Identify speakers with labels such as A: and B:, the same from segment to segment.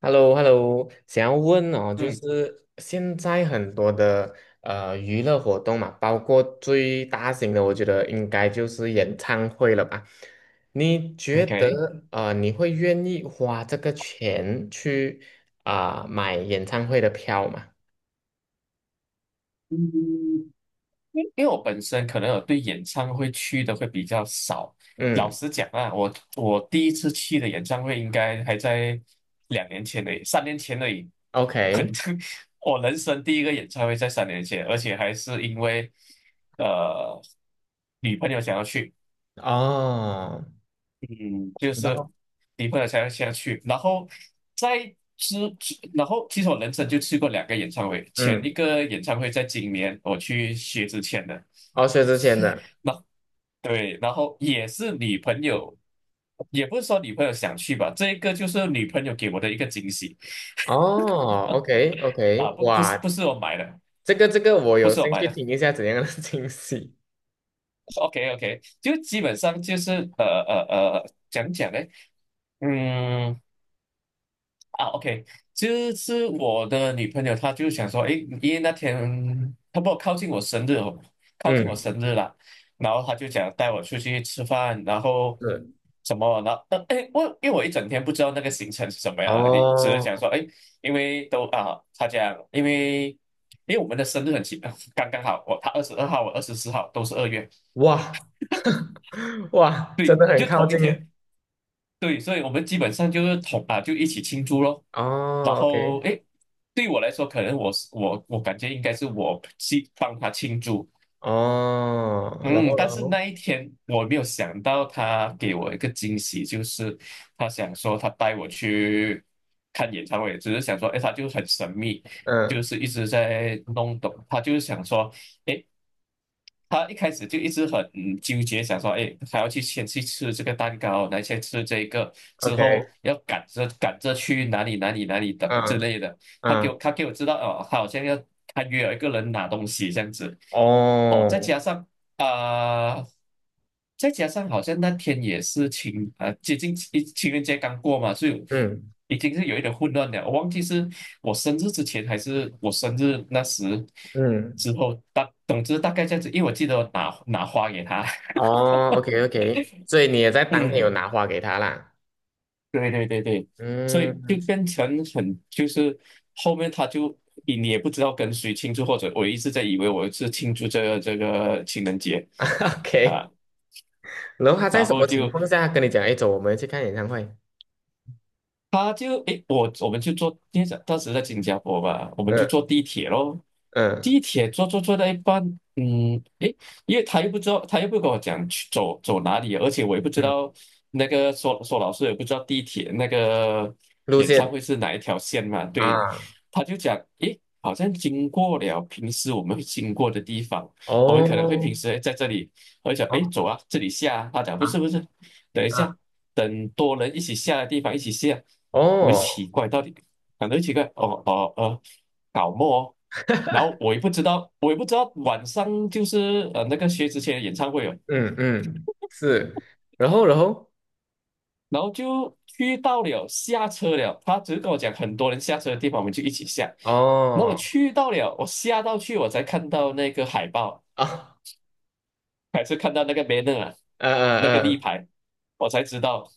A: h e l l o h e l l o 想要问哦，就
B: 嗯
A: 是现在很多的娱乐活动嘛，包括最大型的，我觉得应该就是演唱会了吧？你觉
B: ，OK，
A: 得你会愿意花这个钱去啊、买演唱会的票吗？
B: 嗯，因为我本身可能有对演唱会去的会比较少。老
A: 嗯
B: 实讲啊，我第一次去的演唱会应该还在2年前的，三年前的，已。很，
A: ，OK，
B: 我人生第一个演唱会在三年前，而且还是因为呃女朋友想要去，
A: 哦，
B: 嗯，就
A: 然
B: 是
A: 后
B: 离朋了才下去，然后在之，然后其实我人生就去过2个演唱会，前
A: 嗯，
B: 一个演唱会在今年我去薛之谦的，
A: 哦，薛之谦的，
B: 对，然后也是女朋友，也不是说女朋友想去吧，这一个就是女朋友给我的一个惊喜
A: 哦
B: 啊，
A: ，OK，OK，
B: 不是不
A: 哇，
B: 是我买的，
A: 这个我
B: 不
A: 有
B: 是我
A: 兴
B: 买
A: 趣
B: 的
A: 听一下怎样的 惊喜，
B: ，OK OK，就基本上就是呃呃讲讲呢，嗯。啊，OK，就是我的女朋友，她就想说，诶，因为那天差不多靠近我生日哦，靠近我
A: 嗯。
B: 生日了，然后她就想带我出去吃饭，然后
A: 是
B: 什么，然后但诶，因为我一整天不知道那个行程是什么样的，你只是
A: 哦，
B: 想说，诶，因为都啊，她讲，因为我们的生日很奇，刚刚好，我她22号，我24号，都是2月，
A: 哇 哇，真
B: 对，
A: 的很
B: 就
A: 靠
B: 同一天，
A: 近。
B: 对，所以我们基本上就是同啊，就一起庆祝咯。然
A: 哦
B: 后
A: ，OK，
B: 诶，对我来说，可能我是我我感觉应该是我去帮他庆祝，
A: 哦，然
B: 嗯，
A: 后，然
B: 但是
A: 后，
B: 那一天我没有想到他给我一个惊喜，就是他想说他带我去看演唱会，只是想说，诶，他就很神秘，就
A: 嗯
B: 是一直在弄懂，他就是想说，诶，他一开始就一直很纠结，想说，哎，还要去先去吃这个蛋糕，来先吃这个，之
A: ，OK，
B: 后要赶着赶着去哪里哪里哪里等之
A: 嗯
B: 类的。他给我
A: 嗯，
B: 他给我知道哦，他好像要他约了一个人拿东西这样子，哦，再
A: 哦，
B: 加上啊、呃再加上好像那天也是接近情人节刚过嘛，所以
A: 嗯
B: 已经是有一点混乱了。我忘记是我生日之前还是我生日那时
A: 嗯，
B: 之后，总之大概这样子，因为我记得我拿花给他，
A: 哦，OK，OK，所以你也在当天有
B: 嗯，
A: 拿花给他啦。
B: 对对对对，所以就
A: 嗯
B: 变成很就是后面他就你也不知道跟谁庆祝，或者我一直在以为我是庆祝这个情人节
A: ，OK，
B: 啊。
A: 然后他在
B: 然
A: 什
B: 后
A: 么情
B: 就
A: 况下跟你讲，哎，走，我们去看演唱会？
B: 他就诶，我们就坐，因为在当时在新加坡嘛，我们就坐
A: 嗯
B: 地铁咯。
A: 嗯
B: 地铁坐到一半，嗯，诶，因为他又不知道，他又不跟我讲去走走哪里，而且我也不知
A: 嗯，
B: 道那个说说老师也不知道地铁那个
A: 路
B: 演唱
A: 线
B: 会是哪一条线嘛，对，
A: 啊，
B: 他就讲，诶，好像经过了平时我们会经过的地方，我们可能会平
A: 哦
B: 时诶在这里，我就讲，诶，
A: 哦
B: 走啊，这里下啊，他讲不
A: 啊
B: 是不是，等一
A: 啊，
B: 下。等多人一起下的地方一起下，我就奇
A: 哦
B: 怪到底，感觉奇怪，哦哦哦，搞么哦然后我也不知道，我也不知道晚上就是那个薛之谦的演唱会哦，
A: 嗯嗯，是，然后
B: 然后就去到了下车了，他只是跟我讲很多人下车的地方，我们就一起下。那我
A: 哦
B: 去到了，我下到去我才看到那个海报，
A: 啊，
B: 还是看到那个 banner 啊，
A: 嗯
B: 那个立
A: 嗯
B: 牌，我才知道，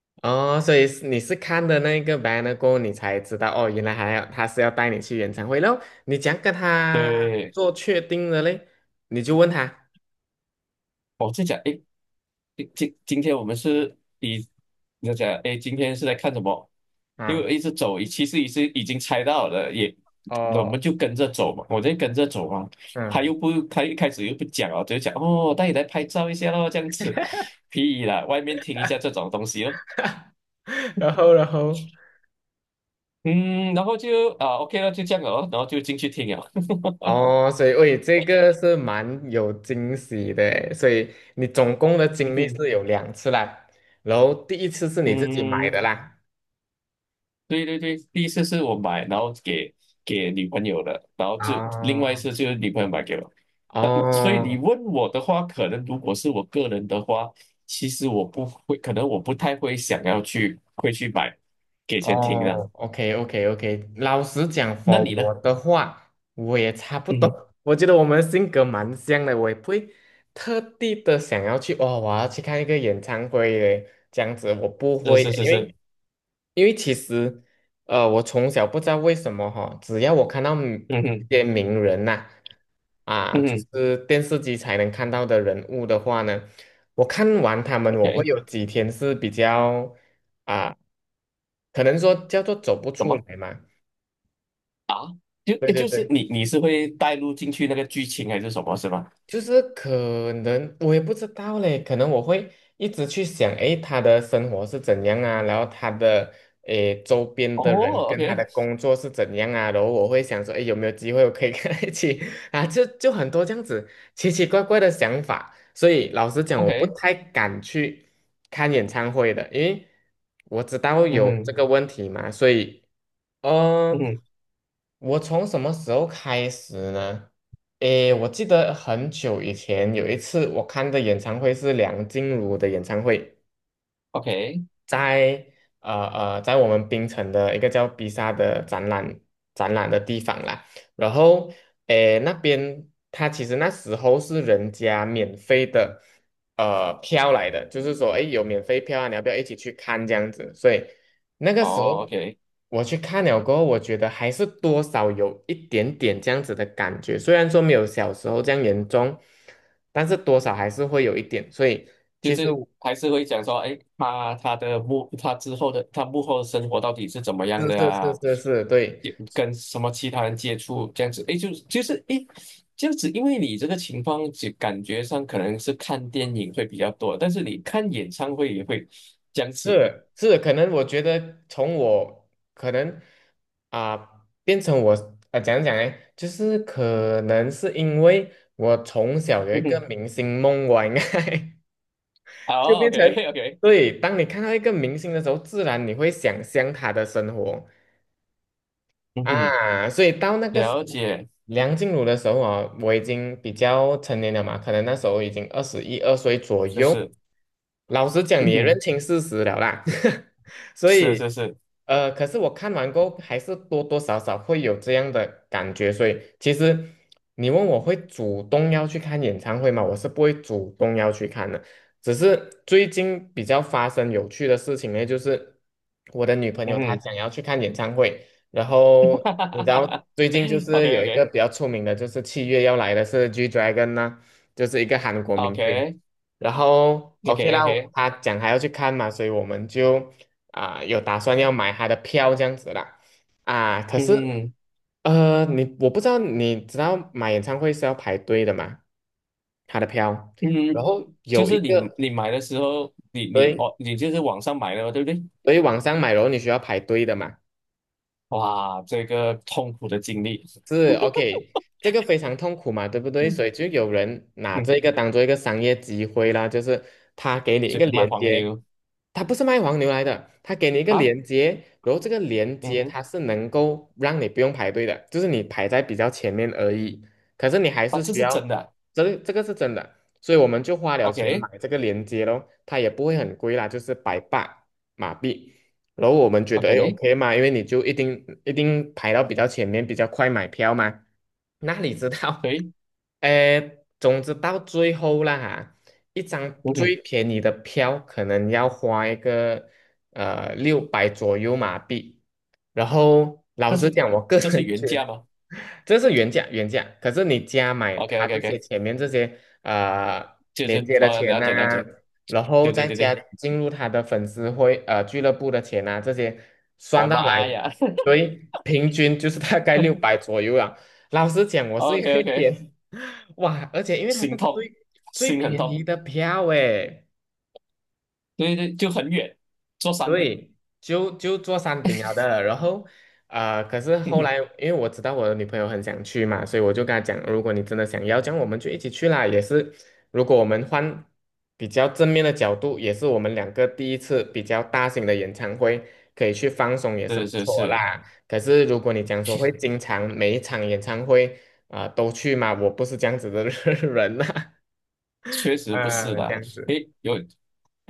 A: 嗯哦，所以是你是看的那个 banner 过后，你才知道哦，原来还要他是要带你去演唱会然后你怎样跟他
B: 对，
A: 做确定的嘞？你就问他
B: 我在讲，诶，今天我们是以你就讲，哎，今天是在看什么？因为我
A: 啊，
B: 一直走，其实已经猜到了，也我
A: 哦，
B: 们就跟着走嘛，我就跟着走嘛。他又
A: 嗯，
B: 不，他一开始又不讲哦，就讲哦，带你来拍照一下咯，这样子，屁啦，外面听一下这种东西咯。
A: 然后
B: 嗯，然后就啊，OK 了，就这样了哦，然后就进去听了。
A: 哦，所以喂，这个是蛮有惊喜的诶所以你总共的经
B: 嗯
A: 历
B: 哼，
A: 是有两次啦，然后第一次是你自己买
B: 嗯。
A: 的啦，
B: 对对对，第一次是我买，然后给女朋友的，然后就另外一
A: 哦
B: 次就是女朋友买给我。但所以你
A: 哦
B: 问我的话，可能如果是我个人的话，其实我不会，可能我不太会想要去会去买给钱听的。
A: 哦，OK OK OK，老实讲
B: 那你呢？
A: 我的话，我也差不多。
B: 嗯，
A: 我觉得我们性格蛮像的，我也不会特地的想要去哦，我要去看一个演唱会嘞，这样子我不
B: 是
A: 会的
B: 是是
A: 因
B: 是，
A: 为其实我从小不知道为什么哈、只要我看到嗯
B: 嗯
A: 一
B: 哼
A: 些名人呐、啊，
B: 嗯
A: 就
B: 哼，
A: 是电视机才能看到的人物的话呢，我看完他们，
B: o
A: 我会
B: k
A: 有几天是比较。啊。可能说叫做走不
B: 什
A: 出
B: 么
A: 来嘛。
B: 啊？就
A: 对
B: 诶
A: 对
B: 就是
A: 对，
B: 你是会带入进去那个剧情还是什么，是吗？
A: 就是可能我也不知道嘞，可能我会一直去想，诶，他的生活是怎样啊，然后他的诶周边的人
B: 哦
A: 跟他的
B: ，OK
A: 工作是怎样啊，然后我会想说，诶，有没有机会我可以跟他一起 啊？就很多这样子奇奇怪怪的想法，所以老实讲，我不
B: OK，
A: 太敢去看演唱会的，因为我知道
B: 嗯
A: 有这
B: 哼
A: 个问题嘛，所以。
B: 嗯
A: 嗯，
B: 哼
A: 我从什么时候开始呢？诶，我记得很久以前有一次我看的演唱会是梁静茹的演唱会。
B: ，OK，
A: 在在我们槟城的一个叫比萨的展览的地方啦。然后，诶，那边它其实那时候是人家免费的票来的，就是说，诶，有免费票啊，你要不要一起去看这样子？所以那个时
B: 哦
A: 候
B: ，OK。
A: 我去看了过后，我觉得还是多少有一点点这样子的感觉，虽然说没有小时候这样严重，但是多少还是会有一点，所以。
B: 就
A: 其实
B: 是
A: 我
B: 还是会讲说，哎，他他的幕他之后的他幕后的生活到底是怎么样
A: 是
B: 的
A: 是是
B: 啊？
A: 是是，对，
B: 也跟什么其他人接触这样子，哎，就是哎，诶这样子，因为你这个情况就感觉上可能是看电影会比较多，但是你看演唱会也会这样子。
A: 是是，可能我觉得从我可能啊、变成我讲讲哎，就是可能是因为我从小有一
B: 嗯
A: 个
B: 哼，
A: 明星梦吧，应该 就
B: 好
A: 变成
B: ，OK OK，
A: 对，当你看到一个明星的时候，自然你会想象他的生活，
B: 嗯哼，
A: 啊，所以到那个时
B: 了
A: 候，
B: 解，
A: 梁静茹的时候啊，我已经比较成年了嘛，可能那时候已经二十一二岁左
B: 就
A: 右。
B: 是，
A: 老实讲，你
B: 嗯
A: 也认
B: 哼，
A: 清事实了啦。所
B: 是
A: 以，
B: 是是，
A: 可是我看完过后，还是多多少少会有这样的感觉。所以，其实你问我会主动要去看演唱会吗？我是不会主动要去看的。只是最近比较发生有趣的事情呢，就是我的女朋
B: 嗯
A: 友她
B: 哼，
A: 想要去看演唱会。然
B: 哈哈
A: 后
B: 哈
A: 你知
B: 哈
A: 道
B: 哈
A: 最近就是
B: ，OK
A: 有一个
B: OK
A: 比较出名的，就是7月要来的是 G Dragon 呢、就是一个韩国明星。
B: OK
A: 然后
B: OK
A: OK 啦，
B: OK，
A: 他讲还要去看嘛，所以我们就啊、有打算要买他的票这样子啦。啊，可
B: 嗯
A: 是
B: 哼。
A: 你我不知道你知道买演唱会是要排队的嘛？他的票，然
B: 嗯，
A: 后
B: 就
A: 有一
B: 是你
A: 个
B: 你买的时候，你
A: 所
B: 你
A: 以
B: 哦，你就是网上买的嘛，对不对？
A: 所以网上买，然后你需要排队的嘛。
B: 哇，这个痛苦的经历，
A: 是 OK，这个非常痛苦嘛，对不对？
B: 嗯
A: 所以就有人拿
B: 嗯，
A: 这个当做一个商业机会啦，就是他给你一
B: 就以
A: 个
B: 卖
A: 连
B: 黄
A: 接，
B: 牛
A: 它不是卖黄牛来的，它给你一个
B: 啊，
A: 连接，然后这个连
B: 嗯
A: 接
B: 哼，
A: 它是能够让你不用排队的，就是你排在比较前面而已。可是你还
B: 啊，
A: 是
B: 这
A: 需
B: 是
A: 要，
B: 真的
A: 这个是真的，所以我们就花了
B: o
A: 钱
B: k
A: 买这个连接咯，它也不会很贵啦，就是百八马币。然后我们觉得哎
B: OK，
A: OK 嘛，因为你就一定一定排到比较前面，比较快买票嘛。哪里知道，
B: 对，
A: 哎总之到最后啦哈，一张
B: 嗯
A: 最
B: 哼，
A: 便宜的票可能要花一个六百左右马币，然后老
B: 但
A: 实
B: 是
A: 讲，我个
B: 这是
A: 人
B: 原
A: 觉得
B: 价吗
A: 这是原价原价，可是你加买
B: ？OK
A: 他
B: OK
A: 这些
B: OK，
A: 前面这些
B: 就
A: 连
B: 是
A: 接的
B: 哦，
A: 钱
B: 了解了
A: 呐、
B: 解，
A: 然后
B: 对对
A: 再
B: 对
A: 加
B: 对，
A: 进入他的粉丝会俱乐部的钱呐、这些算
B: 我
A: 到来，
B: 妈呀
A: 所以平均就是大概六百 左右啊。老实讲，我是有
B: ，OK
A: 一个
B: OK，
A: 点 哇，而且因为它是
B: 心痛，
A: 最最
B: 心很
A: 便宜
B: 痛，
A: 的票诶，
B: 对对，就很远，坐山顶，
A: 对，就做山顶了的，然后，可是后来，因为我知道我的女朋友很想去嘛，所以我就跟她讲，如果你真的想要，这样我们就一起去啦。也是，如果我们换比较正面的角度，也是我们两个第一次比较大型的演唱会，可以去放松，也是
B: 是
A: 不
B: 是
A: 错
B: 是。
A: 啦。可是如果你讲说会经常每一场演唱会啊、都去嘛，我不是这样子的 人啦，
B: 确实不是
A: 啊，这
B: 的，
A: 样子
B: 诶，有，因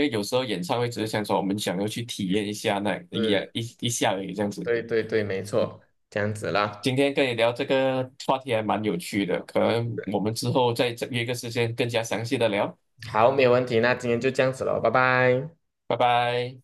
B: 为有时候演唱会只是想说我们想要去体验一下那一
A: 是，
B: 一一下而已这样子。
A: 对对对，没错，这样子啦。
B: 今天跟你聊这个话题还蛮有趣的，可能我们之后再约个时间更加详细的聊，
A: 好，没有问题，那今天就这样子了，拜拜。
B: 拜拜。